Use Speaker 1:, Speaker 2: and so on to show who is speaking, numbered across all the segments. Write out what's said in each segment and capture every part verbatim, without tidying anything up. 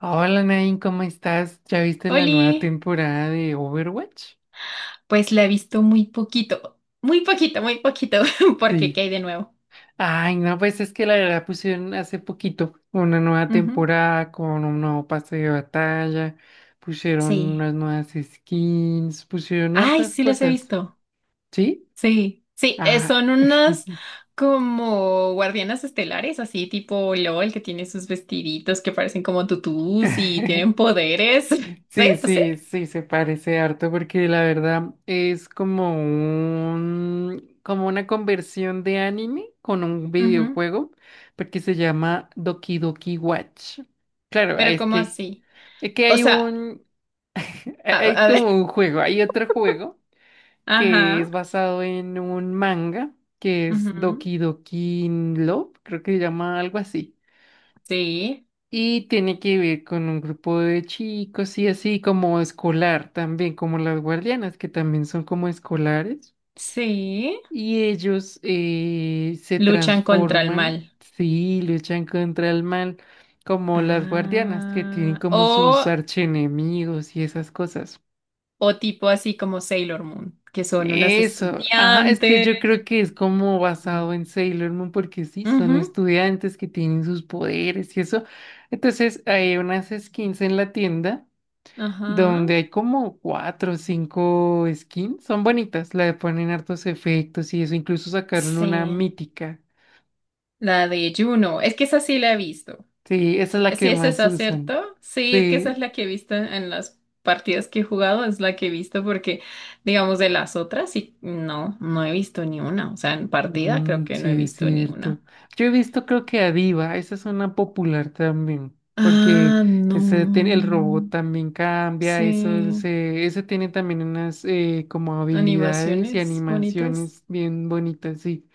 Speaker 1: Hola Nain, ¿cómo estás? ¿Ya viste la nueva
Speaker 2: Oli,
Speaker 1: temporada de Overwatch?
Speaker 2: pues la he visto muy poquito, muy poquito, muy poquito, porque ¿qué
Speaker 1: Sí.
Speaker 2: hay de nuevo?
Speaker 1: Ay, no, pues es que la verdad pusieron hace poquito una nueva
Speaker 2: Ujú.
Speaker 1: temporada con un nuevo pase de batalla, pusieron
Speaker 2: Sí.
Speaker 1: unas nuevas skins, pusieron
Speaker 2: Ay,
Speaker 1: hartas
Speaker 2: sí las he
Speaker 1: cosas.
Speaker 2: visto.
Speaker 1: ¿Sí?
Speaker 2: Sí, sí, eh,
Speaker 1: Ah.
Speaker 2: son unas como guardianas estelares, así tipo LOL, que tiene sus vestiditos que parecen como tutús y tienen poderes. Sí,
Speaker 1: Sí,
Speaker 2: sí.
Speaker 1: sí, sí, se parece harto porque la verdad es como un, como una conversión de anime con un
Speaker 2: Ujú.
Speaker 1: videojuego, porque se llama Doki Doki Watch. Claro,
Speaker 2: Pero
Speaker 1: es
Speaker 2: ¿cómo
Speaker 1: que,
Speaker 2: así?
Speaker 1: es que
Speaker 2: O
Speaker 1: hay
Speaker 2: sea,
Speaker 1: un,
Speaker 2: a,
Speaker 1: hay
Speaker 2: a ver.
Speaker 1: como un juego, hay otro juego que es
Speaker 2: Ajá.
Speaker 1: basado en un manga que es
Speaker 2: Ujú.
Speaker 1: Doki Doki Love, creo que se llama algo así.
Speaker 2: Sí,
Speaker 1: Y tiene que ver con un grupo de chicos y así como escolar también, como las guardianas, que también son como escolares.
Speaker 2: sí.
Speaker 1: Y ellos eh, se
Speaker 2: Luchan contra el
Speaker 1: transforman,
Speaker 2: mal.
Speaker 1: sí, luchan contra el mal, como las guardianas, que tienen
Speaker 2: Ah,
Speaker 1: como sus
Speaker 2: o,
Speaker 1: archienemigos y esas cosas.
Speaker 2: o tipo así como Sailor Moon, que son unas
Speaker 1: Eso, ajá, es que
Speaker 2: estudiantes.
Speaker 1: yo creo que es como basado
Speaker 2: Mm.
Speaker 1: en Sailor Moon, porque sí, son
Speaker 2: Ujú.
Speaker 1: estudiantes que tienen sus poderes y eso. Entonces hay unas skins en la tienda
Speaker 2: Ajá.
Speaker 1: donde hay como cuatro o cinco skins. Son bonitas, le ponen hartos efectos y eso. Incluso sacaron una
Speaker 2: Sí.
Speaker 1: mítica.
Speaker 2: La de Juno. Es que esa sí la he visto.
Speaker 1: Sí, esa es la
Speaker 2: Sí,
Speaker 1: que
Speaker 2: es
Speaker 1: más
Speaker 2: esa,
Speaker 1: usan.
Speaker 2: ¿cierto? Sí, es que esa es
Speaker 1: Sí,
Speaker 2: la que he visto en, en las partidas que he jugado, es la que he visto porque, digamos, de las otras, sí, no, no he visto ni una. O sea, en partida creo
Speaker 1: mm,
Speaker 2: que no he
Speaker 1: sí, es
Speaker 2: visto ni
Speaker 1: cierto.
Speaker 2: una.
Speaker 1: Yo he visto, creo que a Diva, esa es una popular también. Porque
Speaker 2: Ah,
Speaker 1: ese tiene, el robot
Speaker 2: no.
Speaker 1: también cambia, eso,
Speaker 2: Sí.
Speaker 1: ese, ese tiene también unas eh, como habilidades y
Speaker 2: Animaciones bonitas.
Speaker 1: animaciones bien bonitas, sí.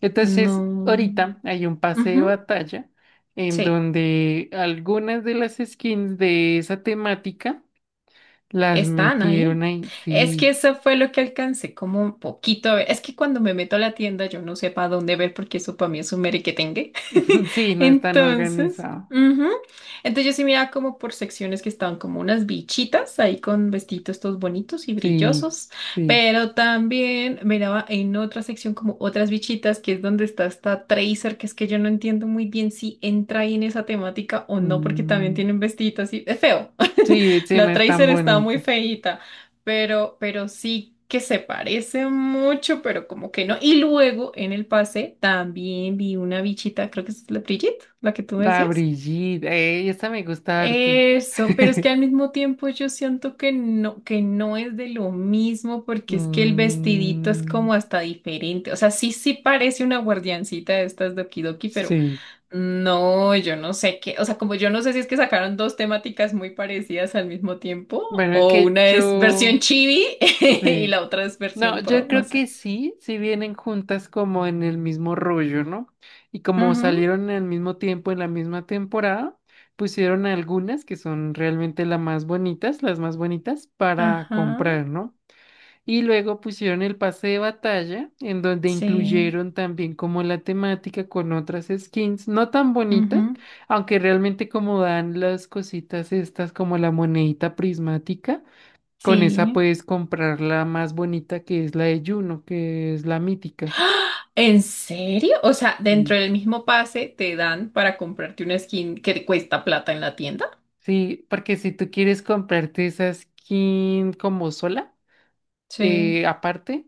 Speaker 1: Entonces,
Speaker 2: No.
Speaker 1: ahorita hay un pase de
Speaker 2: Ujú.
Speaker 1: batalla en
Speaker 2: Sí.
Speaker 1: donde algunas de las skins de esa temática las
Speaker 2: Están
Speaker 1: metieron
Speaker 2: ahí.
Speaker 1: ahí.
Speaker 2: Es que
Speaker 1: Sí,
Speaker 2: eso fue lo que alcancé, como un poquito. A ver. Es que cuando me meto a la tienda yo no sé para dónde ver porque eso para mí es un merequetengue.
Speaker 1: sí, no están
Speaker 2: Entonces,
Speaker 1: organizados.
Speaker 2: ujú. Entonces yo sí miraba como por secciones que estaban como unas bichitas ahí con vestidos estos bonitos y
Speaker 1: Sí,
Speaker 2: brillosos,
Speaker 1: sí.
Speaker 2: pero también miraba en otra sección como otras bichitas que es donde está esta Tracer, que es que yo no entiendo muy bien si entra ahí en esa temática o no porque también
Speaker 1: Mm,
Speaker 2: tienen vestiditos así. Es feo.
Speaker 1: sí, ese no
Speaker 2: La
Speaker 1: es tan
Speaker 2: Tracer está muy
Speaker 1: bonita.
Speaker 2: feíta, pero, pero sí que se parece mucho, pero como que no. Y luego en el pase también vi una bichita, creo que es la Brigitte, la que tú
Speaker 1: La
Speaker 2: decías.
Speaker 1: Brigitte, eh, esa me gusta harto.
Speaker 2: Eso, pero es que al mismo tiempo yo siento que no, que no es de lo mismo, porque es que el vestidito es
Speaker 1: Mm,
Speaker 2: como hasta diferente. O sea, sí, sí parece una guardiancita de estas de Okidoki, pero
Speaker 1: sí.
Speaker 2: no, yo no sé qué, o sea, como yo no sé si es que sacaron dos temáticas muy parecidas al mismo tiempo,
Speaker 1: Bueno, es
Speaker 2: o
Speaker 1: que
Speaker 2: una es versión
Speaker 1: yo...
Speaker 2: chibi y
Speaker 1: Sí.
Speaker 2: la otra es
Speaker 1: No,
Speaker 2: versión
Speaker 1: yo
Speaker 2: pro, no
Speaker 1: creo que
Speaker 2: sé.
Speaker 1: sí, si vienen juntas como en el mismo rollo, ¿no? Y como
Speaker 2: Ujú.
Speaker 1: salieron al mismo tiempo en la misma temporada, pusieron algunas que son realmente las más bonitas, las más bonitas para
Speaker 2: Ajá,
Speaker 1: comprar, ¿no? Y luego pusieron el pase de batalla, en donde
Speaker 2: sí,
Speaker 1: incluyeron también como la temática con otras skins, no tan bonitas,
Speaker 2: ujú,
Speaker 1: aunque realmente como dan las cositas estas como la monedita prismática. Con esa
Speaker 2: sí.
Speaker 1: puedes comprar la más bonita que es la de Juno, que es la mítica.
Speaker 2: ¿En serio? O sea, dentro
Speaker 1: Sí.
Speaker 2: del mismo pase te dan para comprarte una skin que te cuesta plata en la tienda.
Speaker 1: Sí, porque si tú quieres comprarte esa skin como sola,
Speaker 2: Sí,
Speaker 1: eh, aparte,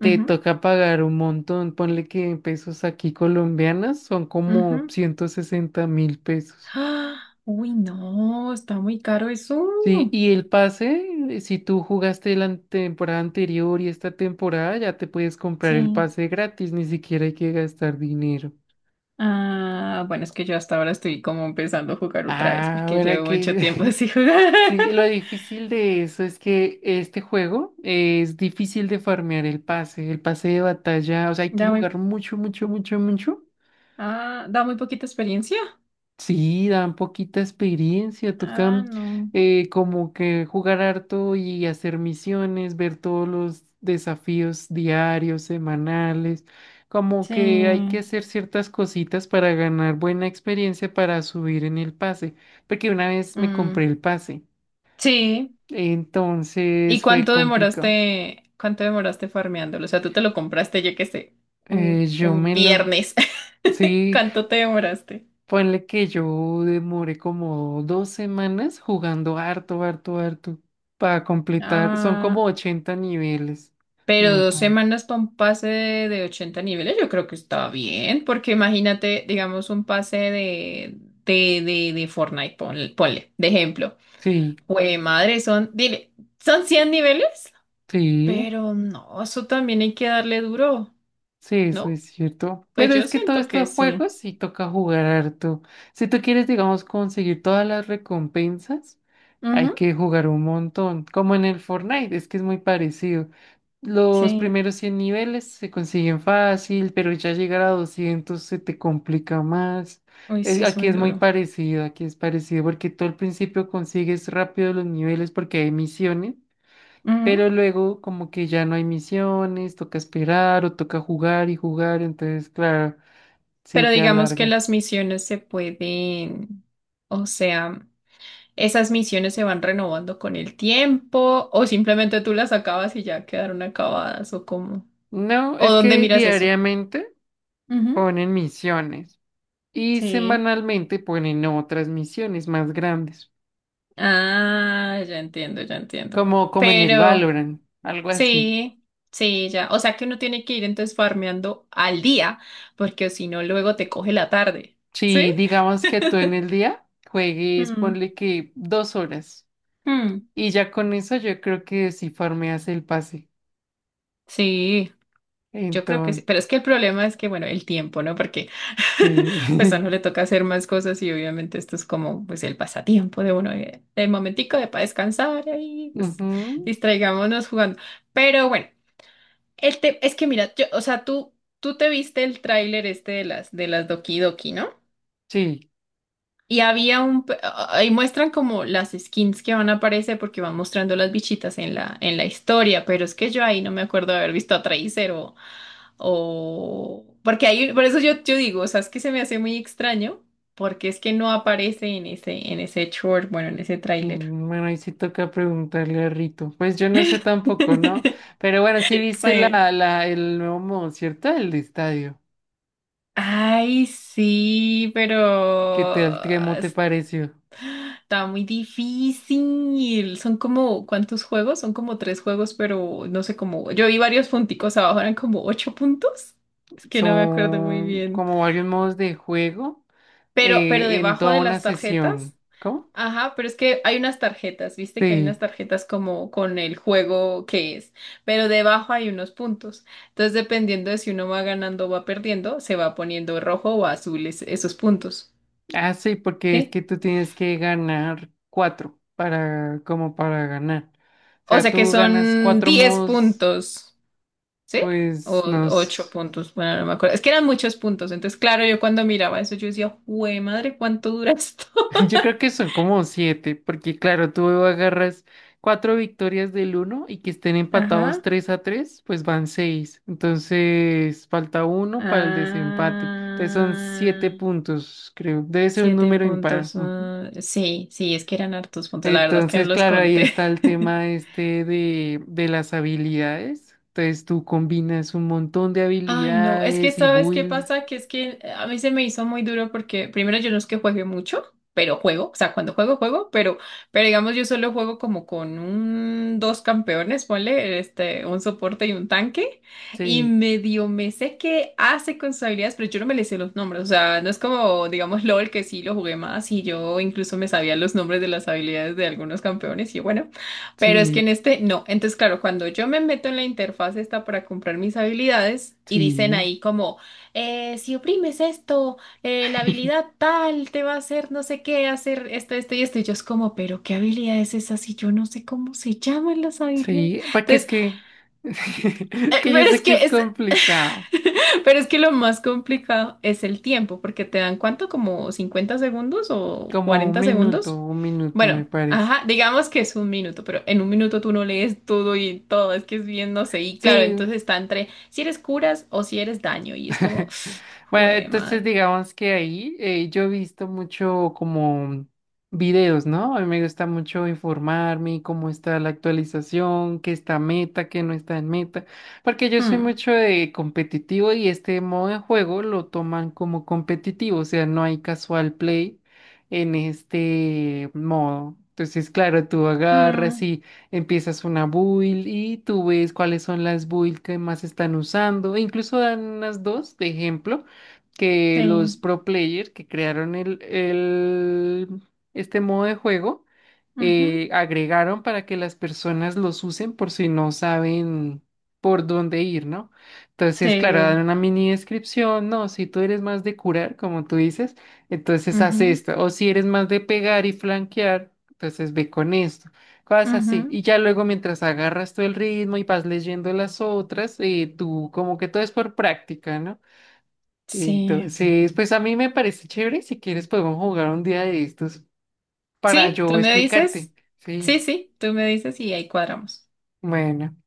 Speaker 1: te
Speaker 2: ujú,
Speaker 1: toca pagar un montón. Ponle que en pesos aquí colombianas son como
Speaker 2: ujú.
Speaker 1: ciento sesenta mil pesos.
Speaker 2: ¡Ah! Uy, no, está muy caro eso.
Speaker 1: Sí, y el pase, eh, si tú jugaste la an- temporada anterior y esta temporada, ya te puedes comprar el
Speaker 2: Sí.
Speaker 1: pase gratis, ni siquiera hay que gastar dinero.
Speaker 2: Ah, bueno, es que yo hasta ahora estoy como empezando a jugar otra vez
Speaker 1: Ah,
Speaker 2: porque
Speaker 1: bueno,
Speaker 2: llevo mucho
Speaker 1: que
Speaker 2: tiempo sin jugar.
Speaker 1: sí, lo difícil de eso es que este juego es difícil de farmear el pase, el pase de batalla, o sea, hay que
Speaker 2: Da muy,
Speaker 1: jugar mucho, mucho, mucho, mucho.
Speaker 2: ah, Da muy poquita experiencia.
Speaker 1: Sí, dan poquita experiencia.
Speaker 2: Ah,
Speaker 1: Tocan
Speaker 2: no.
Speaker 1: eh, como que jugar harto y hacer misiones, ver todos los desafíos diarios, semanales, como que hay que
Speaker 2: Sí.
Speaker 1: hacer ciertas cositas para ganar buena experiencia para subir en el pase, porque una vez me
Speaker 2: Mm,
Speaker 1: compré el pase.
Speaker 2: sí. ¿Y
Speaker 1: Entonces fue
Speaker 2: cuánto
Speaker 1: complicado.
Speaker 2: demoraste, cuánto demoraste farmeándolo? O sea, tú te lo compraste, yo qué sé, un,
Speaker 1: Eh, yo
Speaker 2: un
Speaker 1: me lo...
Speaker 2: viernes.
Speaker 1: Sí,
Speaker 2: ¿Cuánto te demoraste?
Speaker 1: ponle que yo demoré como dos semanas jugando harto, harto, harto para completar. Son como
Speaker 2: Ah.
Speaker 1: ochenta niveles,
Speaker 2: Pero
Speaker 1: me
Speaker 2: dos
Speaker 1: parece.
Speaker 2: semanas para un pase de, de ochenta niveles, yo creo que está bien, porque imagínate, digamos, un pase de, de, de, de Fortnite, ponle, ponle, de ejemplo.
Speaker 1: Sí,
Speaker 2: Jue madre, son, dile, son cien niveles,
Speaker 1: sí,
Speaker 2: pero no, eso también hay que darle duro,
Speaker 1: sí, eso
Speaker 2: ¿no?
Speaker 1: es cierto.
Speaker 2: Pues
Speaker 1: Pero
Speaker 2: yo
Speaker 1: es que todos
Speaker 2: siento que
Speaker 1: estos
Speaker 2: sí.
Speaker 1: juegos sí toca jugar harto. Si tú quieres, digamos, conseguir todas las recompensas, hay
Speaker 2: Ujú,
Speaker 1: que jugar un montón, como en el Fortnite, es que es muy parecido. Los
Speaker 2: sí,
Speaker 1: primeros cien niveles se consiguen fácil, pero ya llegar a doscientos se te complica más.
Speaker 2: uy, sí
Speaker 1: Es-
Speaker 2: es
Speaker 1: aquí
Speaker 2: muy
Speaker 1: es muy
Speaker 2: duro.
Speaker 1: parecido, aquí es parecido, porque tú al principio consigues rápido los niveles porque hay misiones,
Speaker 2: Ujú.
Speaker 1: pero luego como que ya no hay misiones, toca esperar o toca jugar y jugar, entonces claro, se
Speaker 2: Pero
Speaker 1: te
Speaker 2: digamos que
Speaker 1: alarga.
Speaker 2: las misiones se pueden, o sea. Esas misiones se van renovando con el tiempo o simplemente tú las acabas y ya quedaron acabadas o cómo.
Speaker 1: No,
Speaker 2: ¿O
Speaker 1: es
Speaker 2: dónde
Speaker 1: que
Speaker 2: miras eso?
Speaker 1: diariamente
Speaker 2: Ujú.
Speaker 1: ponen misiones, y
Speaker 2: Sí.
Speaker 1: semanalmente ponen otras misiones más grandes,
Speaker 2: Ah, ya entiendo, ya entiendo.
Speaker 1: como, como en el
Speaker 2: Pero
Speaker 1: Valorant, algo así.
Speaker 2: sí, sí, ya. O sea que uno tiene que ir entonces farmeando al día porque si no luego te coge la tarde. ¿Sí?
Speaker 1: Si digamos que tú en el día juegues,
Speaker 2: Mm.
Speaker 1: ponle que dos horas,
Speaker 2: Mm,
Speaker 1: y ya con eso yo creo que sí farmeas el pase.
Speaker 2: sí. Yo creo que sí,
Speaker 1: Entonces,
Speaker 2: pero es que el problema es que, bueno, el tiempo, ¿no? Porque pues a
Speaker 1: sí.
Speaker 2: uno le toca hacer más cosas y obviamente esto es como pues el pasatiempo de uno, eh, el momentico de para descansar y ahí, pues
Speaker 1: Ujú,
Speaker 2: distraigámonos jugando. Pero bueno, el te- es que mira, yo, o sea, tú, tú te viste el tráiler este de las, de las Doki Doki, ¿no?
Speaker 1: sí.
Speaker 2: Y había un, pe- ahí muestran como las skins que van a aparecer porque van mostrando las bichitas en la, en la historia, pero es que yo ahí no me acuerdo de haber visto a Tracer o, o, porque ahí, por eso yo, yo digo, o sea, es que se me hace muy extraño porque es que no aparece en ese, en ese short, bueno, en ese tráiler.
Speaker 1: Mm, bueno, ahí sí toca preguntarle a Rito. Pues yo no sé tampoco, ¿no? Pero bueno, sí viste la,
Speaker 2: Sí.
Speaker 1: la, el nuevo modo, ¿cierto? El de estadio.
Speaker 2: Ay, sí, pero
Speaker 1: ¿Qué tal? ¿Cómo te pareció?
Speaker 2: está muy difícil. Son como, ¿cuántos juegos? Son como tres juegos, pero no sé cómo. Yo vi varios punticos abajo, eran como ocho puntos. Es que no me acuerdo muy
Speaker 1: Son
Speaker 2: bien.
Speaker 1: como varios modos de juego
Speaker 2: Pero, pero
Speaker 1: eh, en
Speaker 2: debajo
Speaker 1: toda
Speaker 2: de
Speaker 1: una
Speaker 2: las tarjetas.
Speaker 1: sesión. ¿Cómo?
Speaker 2: Ajá, pero es que hay unas tarjetas, viste que hay unas
Speaker 1: Sí.
Speaker 2: tarjetas como con el juego que es, pero debajo hay unos puntos. Entonces, dependiendo de si uno va ganando o va perdiendo, se va poniendo rojo o azul es- esos puntos.
Speaker 1: Ah, sí, porque es
Speaker 2: ¿Sí?
Speaker 1: que tú tienes que ganar cuatro para, como para ganar. O
Speaker 2: O
Speaker 1: sea,
Speaker 2: sea que
Speaker 1: tú ganas
Speaker 2: son
Speaker 1: cuatro
Speaker 2: diez
Speaker 1: modos,
Speaker 2: puntos. ¿Sí?
Speaker 1: pues,
Speaker 2: O
Speaker 1: no sé.
Speaker 2: ocho puntos, bueno, no me acuerdo. Es que eran muchos puntos. Entonces, claro, yo cuando miraba eso, yo decía, ¡Jue madre! ¿Cuánto dura esto?
Speaker 1: Yo creo que son como siete, porque claro, tú agarras cuatro victorias del uno y que estén empatados
Speaker 2: Ajá.
Speaker 1: tres a tres, pues van seis. Entonces falta uno para el desempate. Entonces son siete
Speaker 2: Ah,
Speaker 1: puntos, creo. Debe ser un
Speaker 2: siete
Speaker 1: número impar.
Speaker 2: puntos.
Speaker 1: Ujú.
Speaker 2: Ah, sí, sí, es que eran hartos puntos. La verdad es que no
Speaker 1: Entonces,
Speaker 2: los
Speaker 1: claro, ahí
Speaker 2: conté.
Speaker 1: está el tema este de, de las habilidades. Entonces tú combinas un montón de
Speaker 2: Ay, no, es que
Speaker 1: habilidades y
Speaker 2: ¿sabes qué
Speaker 1: builds.
Speaker 2: pasa? Que es que eh, a mí se me hizo muy duro porque primero yo no es que juegue mucho, pero juego, o sea, cuando juego, juego, pero, pero digamos yo solo juego como con un, dos campeones, ponle, este, un soporte y un tanque, y
Speaker 1: Sí,
Speaker 2: medio me sé qué hace con sus habilidades, pero yo no me le sé los nombres, o sea, no es como, digamos, LOL, que sí lo jugué más y yo incluso me sabía los nombres de las habilidades de algunos campeones y bueno. Pero es que en
Speaker 1: sí,
Speaker 2: este no. Entonces, claro, cuando yo me meto en la interfaz esta para comprar mis habilidades y dicen
Speaker 1: sí.
Speaker 2: ahí como, eh, si oprimes esto, eh, la habilidad tal te va a hacer no sé qué, hacer esto, esto y esto. Y yo es como, pero ¿qué habilidad es esa si yo no sé cómo se llaman las habilidades?
Speaker 1: Sí, porque es
Speaker 2: Entonces,
Speaker 1: que, es
Speaker 2: eh,
Speaker 1: que yo
Speaker 2: pero es
Speaker 1: sé que es
Speaker 2: que es,
Speaker 1: complicado,
Speaker 2: Pero es que lo más complicado es el tiempo, porque te dan cuánto, como cincuenta segundos o
Speaker 1: como un
Speaker 2: cuarenta
Speaker 1: minuto,
Speaker 2: segundos.
Speaker 1: un minuto me
Speaker 2: Bueno,
Speaker 1: parece.
Speaker 2: ajá, digamos que es un minuto, pero en un minuto tú no lees todo y todo, es que es bien, no sé. Y claro,
Speaker 1: Sí,
Speaker 2: entonces está entre si eres curas o si eres daño, y es como,
Speaker 1: bueno,
Speaker 2: jue
Speaker 1: entonces
Speaker 2: madre.
Speaker 1: digamos que ahí eh, yo he visto mucho como videos, ¿no? A mí me gusta mucho informarme cómo está la actualización, qué está meta, qué no está en meta, porque yo soy
Speaker 2: Mm,
Speaker 1: mucho de competitivo y este modo de juego lo toman como competitivo, o sea, no hay casual play en este modo. Entonces, claro, tú agarras
Speaker 2: mm,
Speaker 1: y empiezas una build y tú ves cuáles son las builds que más están usando. E incluso dan unas dos de ejemplo que
Speaker 2: sí,
Speaker 1: los pro player que crearon el, el- este modo de juego
Speaker 2: ujú,
Speaker 1: eh, agregaron para que las personas los usen por si no saben por dónde ir, ¿no? Entonces, claro,
Speaker 2: sí,
Speaker 1: dan una mini descripción, no, si tú eres más de curar, como tú dices, entonces haz
Speaker 2: ujú,
Speaker 1: esto, o si eres más de pegar y flanquear, entonces ve con esto. Cosas así. Y
Speaker 2: ujú,
Speaker 1: ya luego mientras agarras tú el ritmo y vas leyendo las otras, eh, tú como que todo es por práctica, ¿no?
Speaker 2: sí.
Speaker 1: Entonces, pues a mí me parece chévere. Si quieres podemos jugar un día de estos para
Speaker 2: Sí, tú
Speaker 1: yo
Speaker 2: me dices,
Speaker 1: explicarte.
Speaker 2: sí,
Speaker 1: Sí.
Speaker 2: sí, tú me dices y ahí cuadramos.
Speaker 1: Bueno.